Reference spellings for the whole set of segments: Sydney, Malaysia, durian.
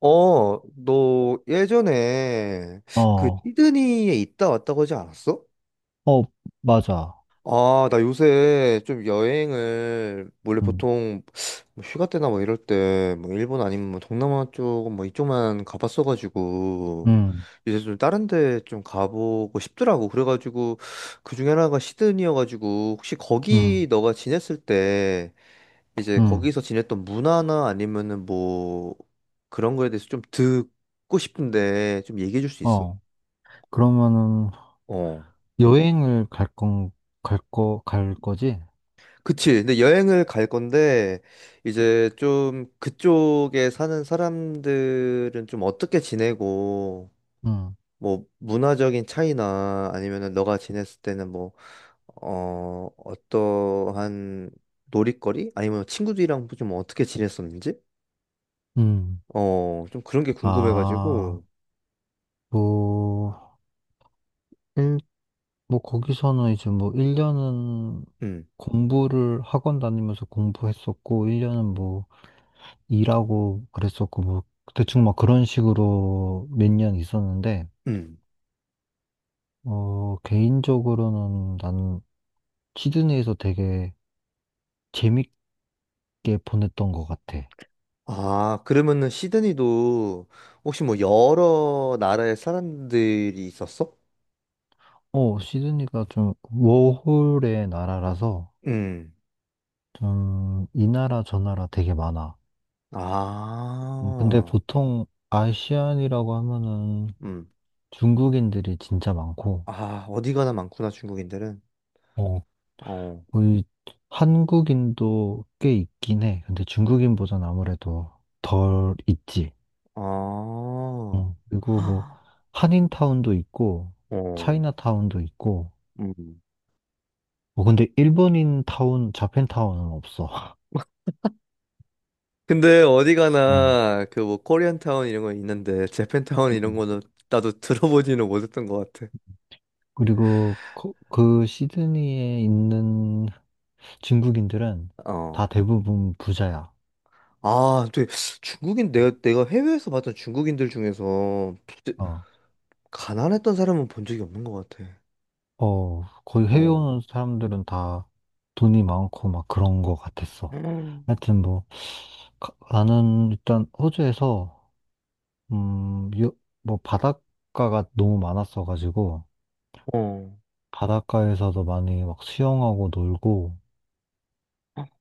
어, 너 예전에 그 어, 시드니에 있다 왔다고 하지 않았어? 어, 맞아. 아, 나 요새 좀 여행을 원래 음, 보통 뭐 휴가 때나 뭐 이럴 때 뭐 일본 아니면 뭐 동남아 쪽 뭐 이쪽만 가봤어가지고 음, 이제 좀 다른 데 좀 가보고 싶더라고. 그래가지고 그 중에 하나가 시드니여가지고 혹시 거기 음, 너가 지냈을 때 이제 음, 거기서 지냈던 문화나 아니면은 뭐 그런 거에 대해서 좀 듣고 싶은데 좀 얘기해 줄 수 있어? 어. 그러면은 어. 여행을 갈 건, 갈 거, 갈 거지? 그치. 근데 여행을 갈 건데 이제 좀 그쪽에 사는 사람들은 좀 어떻게 지내고 음, 뭐 문화적인 차이나 아니면은 너가 지냈을 때는 뭐 어, 어떠한 놀이거리? 아니면 친구들이랑 좀 어떻게 지냈었는지? 음. 어, 좀 그런 게 아, 궁금해가지고. 뭐, 일, 뭐, 거기서는 이제 뭐, 1년은 음. 공부를 학원 다니면서 공부했었고, 1년은 뭐, 일하고 그랬었고, 뭐, 대충 막 그런 식으로 몇 년 있었는데, 음. 어, 개인적으로는 난 시드니에서 되게 재밌 게 보냈던 것 같아. 아, 그러면은 시드니도 혹시 뭐 여러 나라의 사람들이 있었어? 어, 시드니가 좀 워홀의 나라라서 음. 좀 이 나라 저 나라 되게 많아. 근데 아. 보통 아시안이라고 하면은 음. 중국인들이 진짜 많고, 아, 어디 가나 많구나, 중국인들은. 어, 어. 거의 한국인도 꽤 있긴 해. 근데 중국인보단 아무래도 덜 있지. 아. 그리고 뭐 헉, 한인타운도 있고, 어. 차이나타운도 있고, 음. 어, 근데 일본인 타운, 자펜타운은 없어. 근데 어디 가나 그 뭐 코리안 타운 이런 거 있는데 재팬 타운 이런 음. 거는 나도 들어보지는 못했던 것 같아. 그리고 그 시드니에 있는 중국인들은 다 어. 대부분 부자야. 아, 또 중국인 내가 해외에서 봤던 중국인들 중에서 어, 가난했던 사람은 본 적이 없는 것 같아. 어, 거의 해외 어. 오는 사람들은 다 돈이 많고 막 그런 거 같았어. 음. 하여튼 뭐 나는 일단 호주에서 음, 요- 뭐 바닷가가 너무 많았어가지고 어. 바닷가에서도 많이 막 수영하고 놀고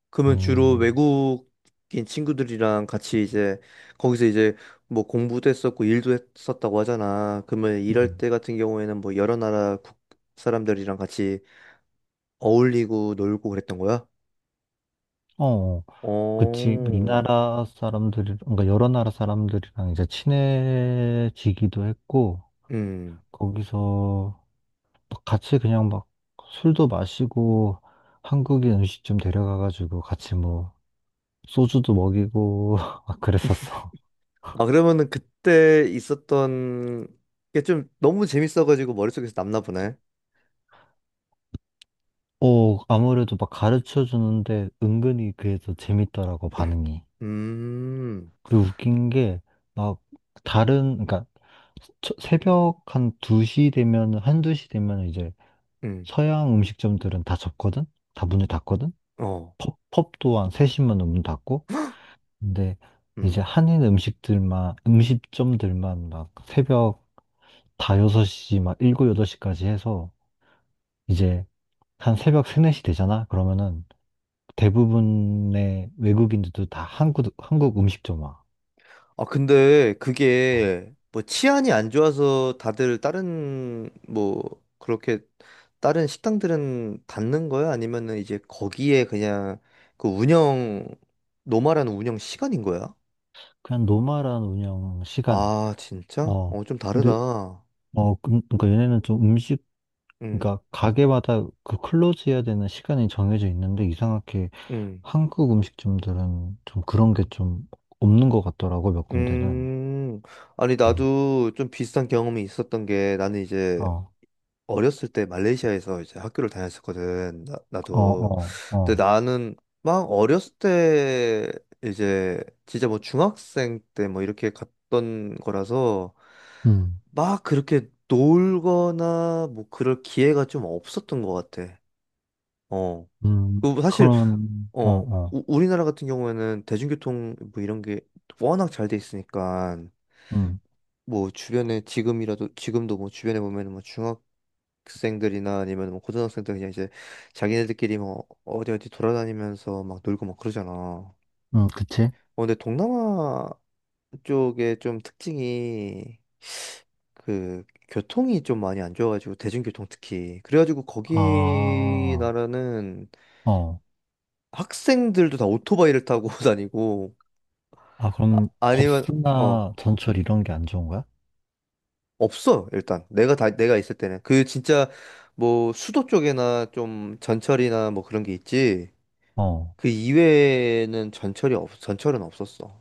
그러면 주로 음, 외국인 친구들이랑 같이 이제 거기서 이제 뭐 공부도 했었고 일도 했었다고 하잖아. 그러면 일할 음, 때 같은 경우에는 뭐 여러 나라 국 사람들이랑 같이 어울리고 놀고 그랬던 거야? 어, 어. 그치. 이 어. 나라 사람들이, 그러니까 여러 나라 사람들이랑 이제 친해지기도 했고, 음. 거기서 막 같이 그냥 막 술도 마시고, 한국인 음식점 데려가가지고 같이 뭐, 소주도 먹이고, 막 그랬었어. 아, 그러면은 그때 있었던 게 좀 너무 재밌어가지고 머릿속에서 남나 보네. 어, 아무래도 막 가르쳐 주는데 은근히 그게 더 재밌더라고, 반응이. 음. 그리고 웃긴 게, 막, 다른, 그러니까, 새벽 한 2시 되면 이제 음. 서양 음식점들은 다 접거든? 다 문을 닫거든? 어. 펍 또한 3시만 문 닫고. 근데 이제 음. 한인 음식들만, 음식점들만 막 새벽 다 6시, 막 7, 8시까지 해서 이제 한 새벽 3, 4시 되잖아? 그러면은 대부분의 외국인들도 다 한국 음식점 와. 아, 근데 어, 그게 뭐 치안이 안 좋아서 다들 다른 뭐 그렇게 다른 식당들은 닫는 거야? 아니면은 이제 거기에 그냥 그 운영 노말한 운영 시간인 거야? 그냥 노멀한 운영 시간. 아, 진짜? 어, 어, 좀 근데, 다르다. 그러니까 얘네는 좀 음식 응, 그러니까 가게마다 그 클로즈 해야 되는 시간이 정해져 있는데 이상하게 응, 한국 음식점들은 좀 그런 게 좀 없는 것 같더라고, 몇 군데는. 음. 아니, 음. 나도 좀 비슷한 경험이 있었던 게 나는 이제 어, 어렸을 때 말레이시아에서 이제 학교를 다녔었거든. 나, 어, 도 어, 근데 어. 나는 막 어렸을 때 이제 진짜 뭐 중학생 때 뭐 이렇게 갔던 거라서 음, 막 그렇게 놀거나 뭐 그럴 기회가 좀 없었던 것 같아. 어. 그리고 사실 그런, 어, 어. 우리나라 같은 경우에는 대중교통 뭐 이런 게 워낙 잘 돼 있으니까 음, 뭐 주변에 지금이라도 지금도 뭐 주변에 보면은 뭐 중학 학생들이나 아니면 뭐 고등학생들 그냥 이제 자기네들끼리 뭐 어디 어디 돌아다니면서 막 놀고 막 그러잖아. 어, 그치? 근데 동남아 쪽에 좀 특징이 그 교통이 좀 많이 안 좋아가지고 대중교통 특히 그래가지고 아, 거기 나라는 어. 학생들도 다 오토바이를 타고 다니고 아, 아, 그럼 법 아니면 스나 어 전철 이런 게 안 좋은 거야? 없어 일단 내가 다 내가 있을 때는 그 진짜 뭐 수도 쪽에나 좀 전철이나 뭐 그런 게 있지 어. 그 이외에는 전철은 없었어.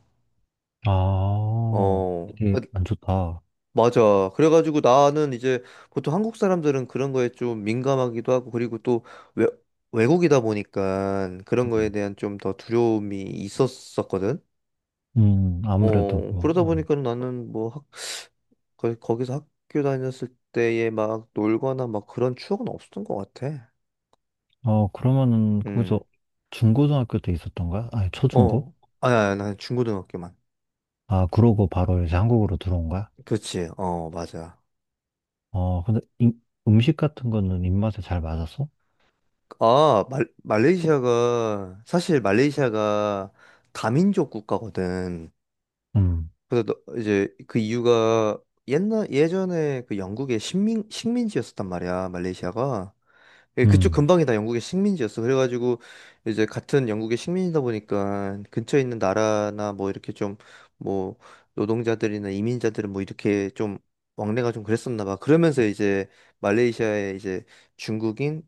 아, 어, 되게 그, 안 좋다. 맞아. 그래가지고 나는 이제 보통 한국 사람들은 그런 거에 좀 민감하기도 하고, 그리고 또 외, 외국이다 보니까 그런 거에 음, 대한 좀 더 두려움이 있었었거든. 아무래도 어, 뭐. 그러다 음. 보니까 나는 뭐 거기서 학교 다녔을 때에 막 놀거나 막 그런 추억은 없었던 것 같아. 어, 그러면은 거기서 음, 중고등학교 때 있었던 거야? 아니, 초중고? 어, 아니, 아니, 난 중고등학교만. 아, 그러고 바로 이제 한국으로 들어온 거야? 그치, 어, 맞아. 어, 근데 음식 같은 거는 입맛에 잘 맞았어? 아, 말레이시아가, 사실 말레이시아가 다민족 국가거든. 음, 그래서 이제 그 이유가 옛날, 예전에 그 영국의 식민지였었단 말이야, 말레이시아가. 예, 그쪽 음, 근방이 다 영국의 식민지였어. 그래가지고 이제 같은 영국의 식민이다 보니까 근처에 있는 나라나 뭐 이렇게 좀 뭐 노동자들이나 이민자들은 뭐 이렇게 좀 왕래가 좀 그랬었나 봐. 그러면서 이제 말레이시아에 이제 중국인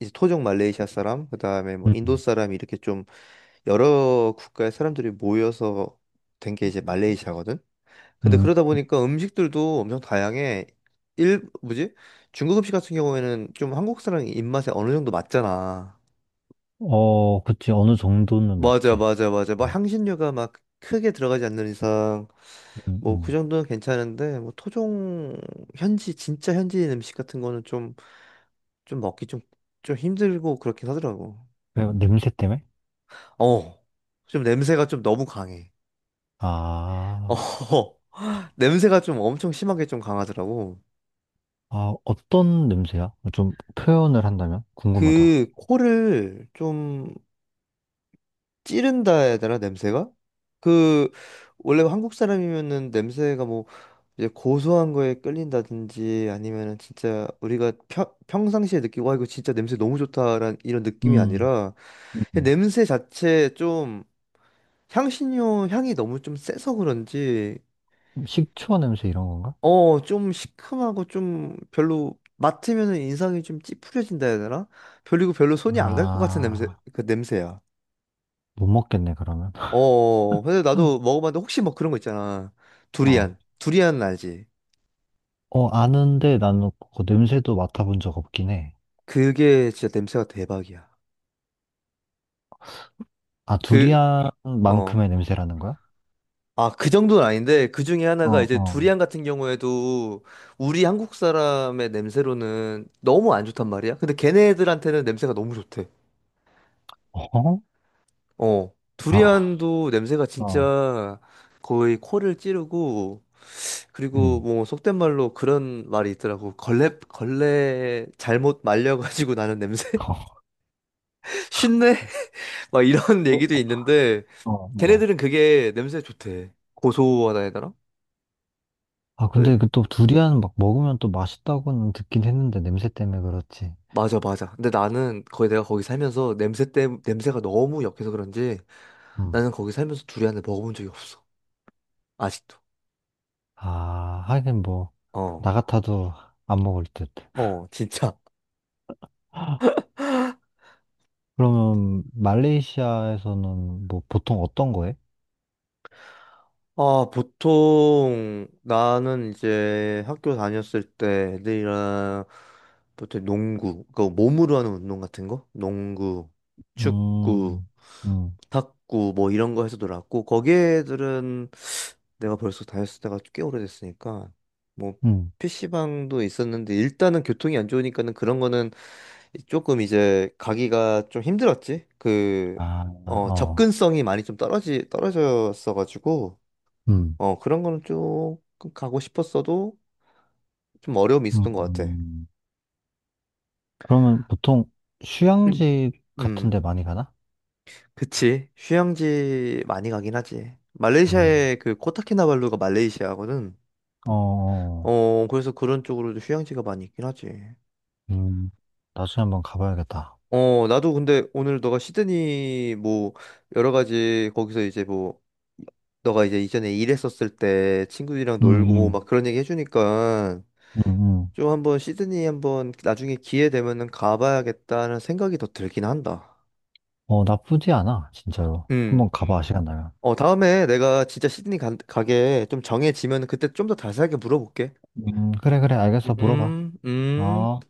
이제 토종 말레이시아 사람, 그다음에 뭐 인도 음, 사람 이렇게 좀 여러 국가의 사람들이 모여서 된 게 이제 말레이시아거든. 근데 음. 그러다 보니까 음식들도 엄청 다양해. 일 뭐지? 중국 음식 같은 경우에는 좀 한국 사람 입맛에 어느 정도 맞잖아. 어, 그치. 어느 정도는 맞아, 맞지. 맞아, 맞아. 막 향신료가 막 크게 들어가지 않는 이상 음, 뭐 그 음. 정도는 괜찮은데 뭐 토종 현지 진짜 현지인 음식 같은 거는 좀 좀 먹기 좀 좀 힘들고 그렇긴 하더라고. 왜, 냄새 때문에? 어, 좀 냄새가 좀 너무 강해. 어, 아, 냄새가 좀 엄청 심하게 좀 강하더라고. 아, 어떤 냄새야? 좀 표현을 한다면? 궁금하다. 그 코를 좀 찌른다 해야 되나, 냄새가? 그, 원래 한국 사람이면은 냄새가 뭐 이제 고소한 거에 끌린다든지 아니면은 진짜 우리가 평상시에 느끼고 와 이거 진짜 냄새 너무 좋다라는 이런 느낌이 음, 아니라 그냥 음. 냄새 자체 좀 향신료 향이 너무 좀 세서 그런지 식초 냄새 이런 건가? 어, 좀 시큼하고 좀 별로 맡으면은 인상이 좀 찌푸려진다 해야 되나? 별이고 별로 손이 안 갈 것 같은 냄새, 아, 그 냄새야. 못 먹겠네, 그러면. 어, 어. 근데 음. 나도 먹어봤는데 혹시 뭐 그런 거 있잖아. 어, 두리안. 두리안은 알지? 어, 아는데 나는 그 냄새도 맡아본 적 없긴 해. 그게 진짜 냄새가 대박이야. 아, 그, 어. 두리안만큼의 냄새라는 거야? 아, 그 정도는 아닌데 그 중에 하나가 어, 이제 어. 두리안 같은 경우에도 우리 한국 사람의 냄새로는 너무 안 좋단 말이야. 근데 걔네들한테는 냄새가 너무 좋대. 어? 어, 아, 두리안도 냄새가 어, 진짜 거의 코를 찌르고, 그리고 음. 뭐 속된 말로 그런 말이 있더라고. 걸레, 걸레 잘못 말려가지고 나는 냄새? 어. 쉰내? 막 이런 어, 얘기도 있는데, 어, 어. 걔네들은 그게 냄새 좋대. 고소하다 해야 되나? 아, 근데 근데 그 또 두리안 막 먹으면 또 맛있다고는 듣긴 했는데 냄새 때문에 그렇지. 맞아, 맞아. 근데 나는 거의 내가 거기 살면서 냄새가 너무 역해서 그런지 음. 나는 거기 살면서 두리안을 먹어본 적이 없어. 아직도. 아, 하긴 뭐, 나 어, 같아도 안 먹을 듯. 어, 진짜. 그러면 말레이시아에서는 뭐 보통 어떤 거 해? 아, 보통 나는 이제 학교 다녔을 때 애들이랑 보통 농구, 그 몸으로 하는 운동 같은 거? 농구, 축구, 음, 음, 탁구 뭐 이런 거 해서 놀았고 거기 애들은 내가 벌써 다녔을 때가 꽤 오래됐으니까 뭐 음. PC방도 있었는데 일단은 교통이 안 좋으니까는 그런 거는 조금 이제 가기가 좀 힘들었지. 그, 아, 어, 어, 접근성이 많이 좀 떨어졌어가지고 음, 어, 그런 거는 조금 가고 싶었어도 좀 어려움이 있었던 것 같아. 음. 그러면 보통 휴양지 같은 음, 데 많이 가나? 그치. 휴양지 많이 가긴 하지. 음, 말레이시아의 그 코타키나발루가 말레이시아거든. 어, 어, 그래서 그런 쪽으로도 휴양지가 많이 있긴 하지. 음. 나중에 한번 가봐야겠다. 어, 나도 근데 오늘 너가 시드니 뭐 여러 가지 거기서 이제 뭐 너가 이제 이전에 일했었을 때 친구들이랑 음, 놀고 음, 막 그런 얘기 해주니까 음, 음. 좀 한번 시드니 한번 나중에 기회 되면은 가봐야겠다는 생각이 더 들긴 한다. 어, 나쁘지 않아, 진짜로. 음. 한번 가봐, 시간 나면. 어, 다음에 내가 진짜 시드니 게좀 정해지면 그때 좀 더 자세하게 물어볼게. 그래, 그래, 알겠어, 물어봐. 음, 음. 어.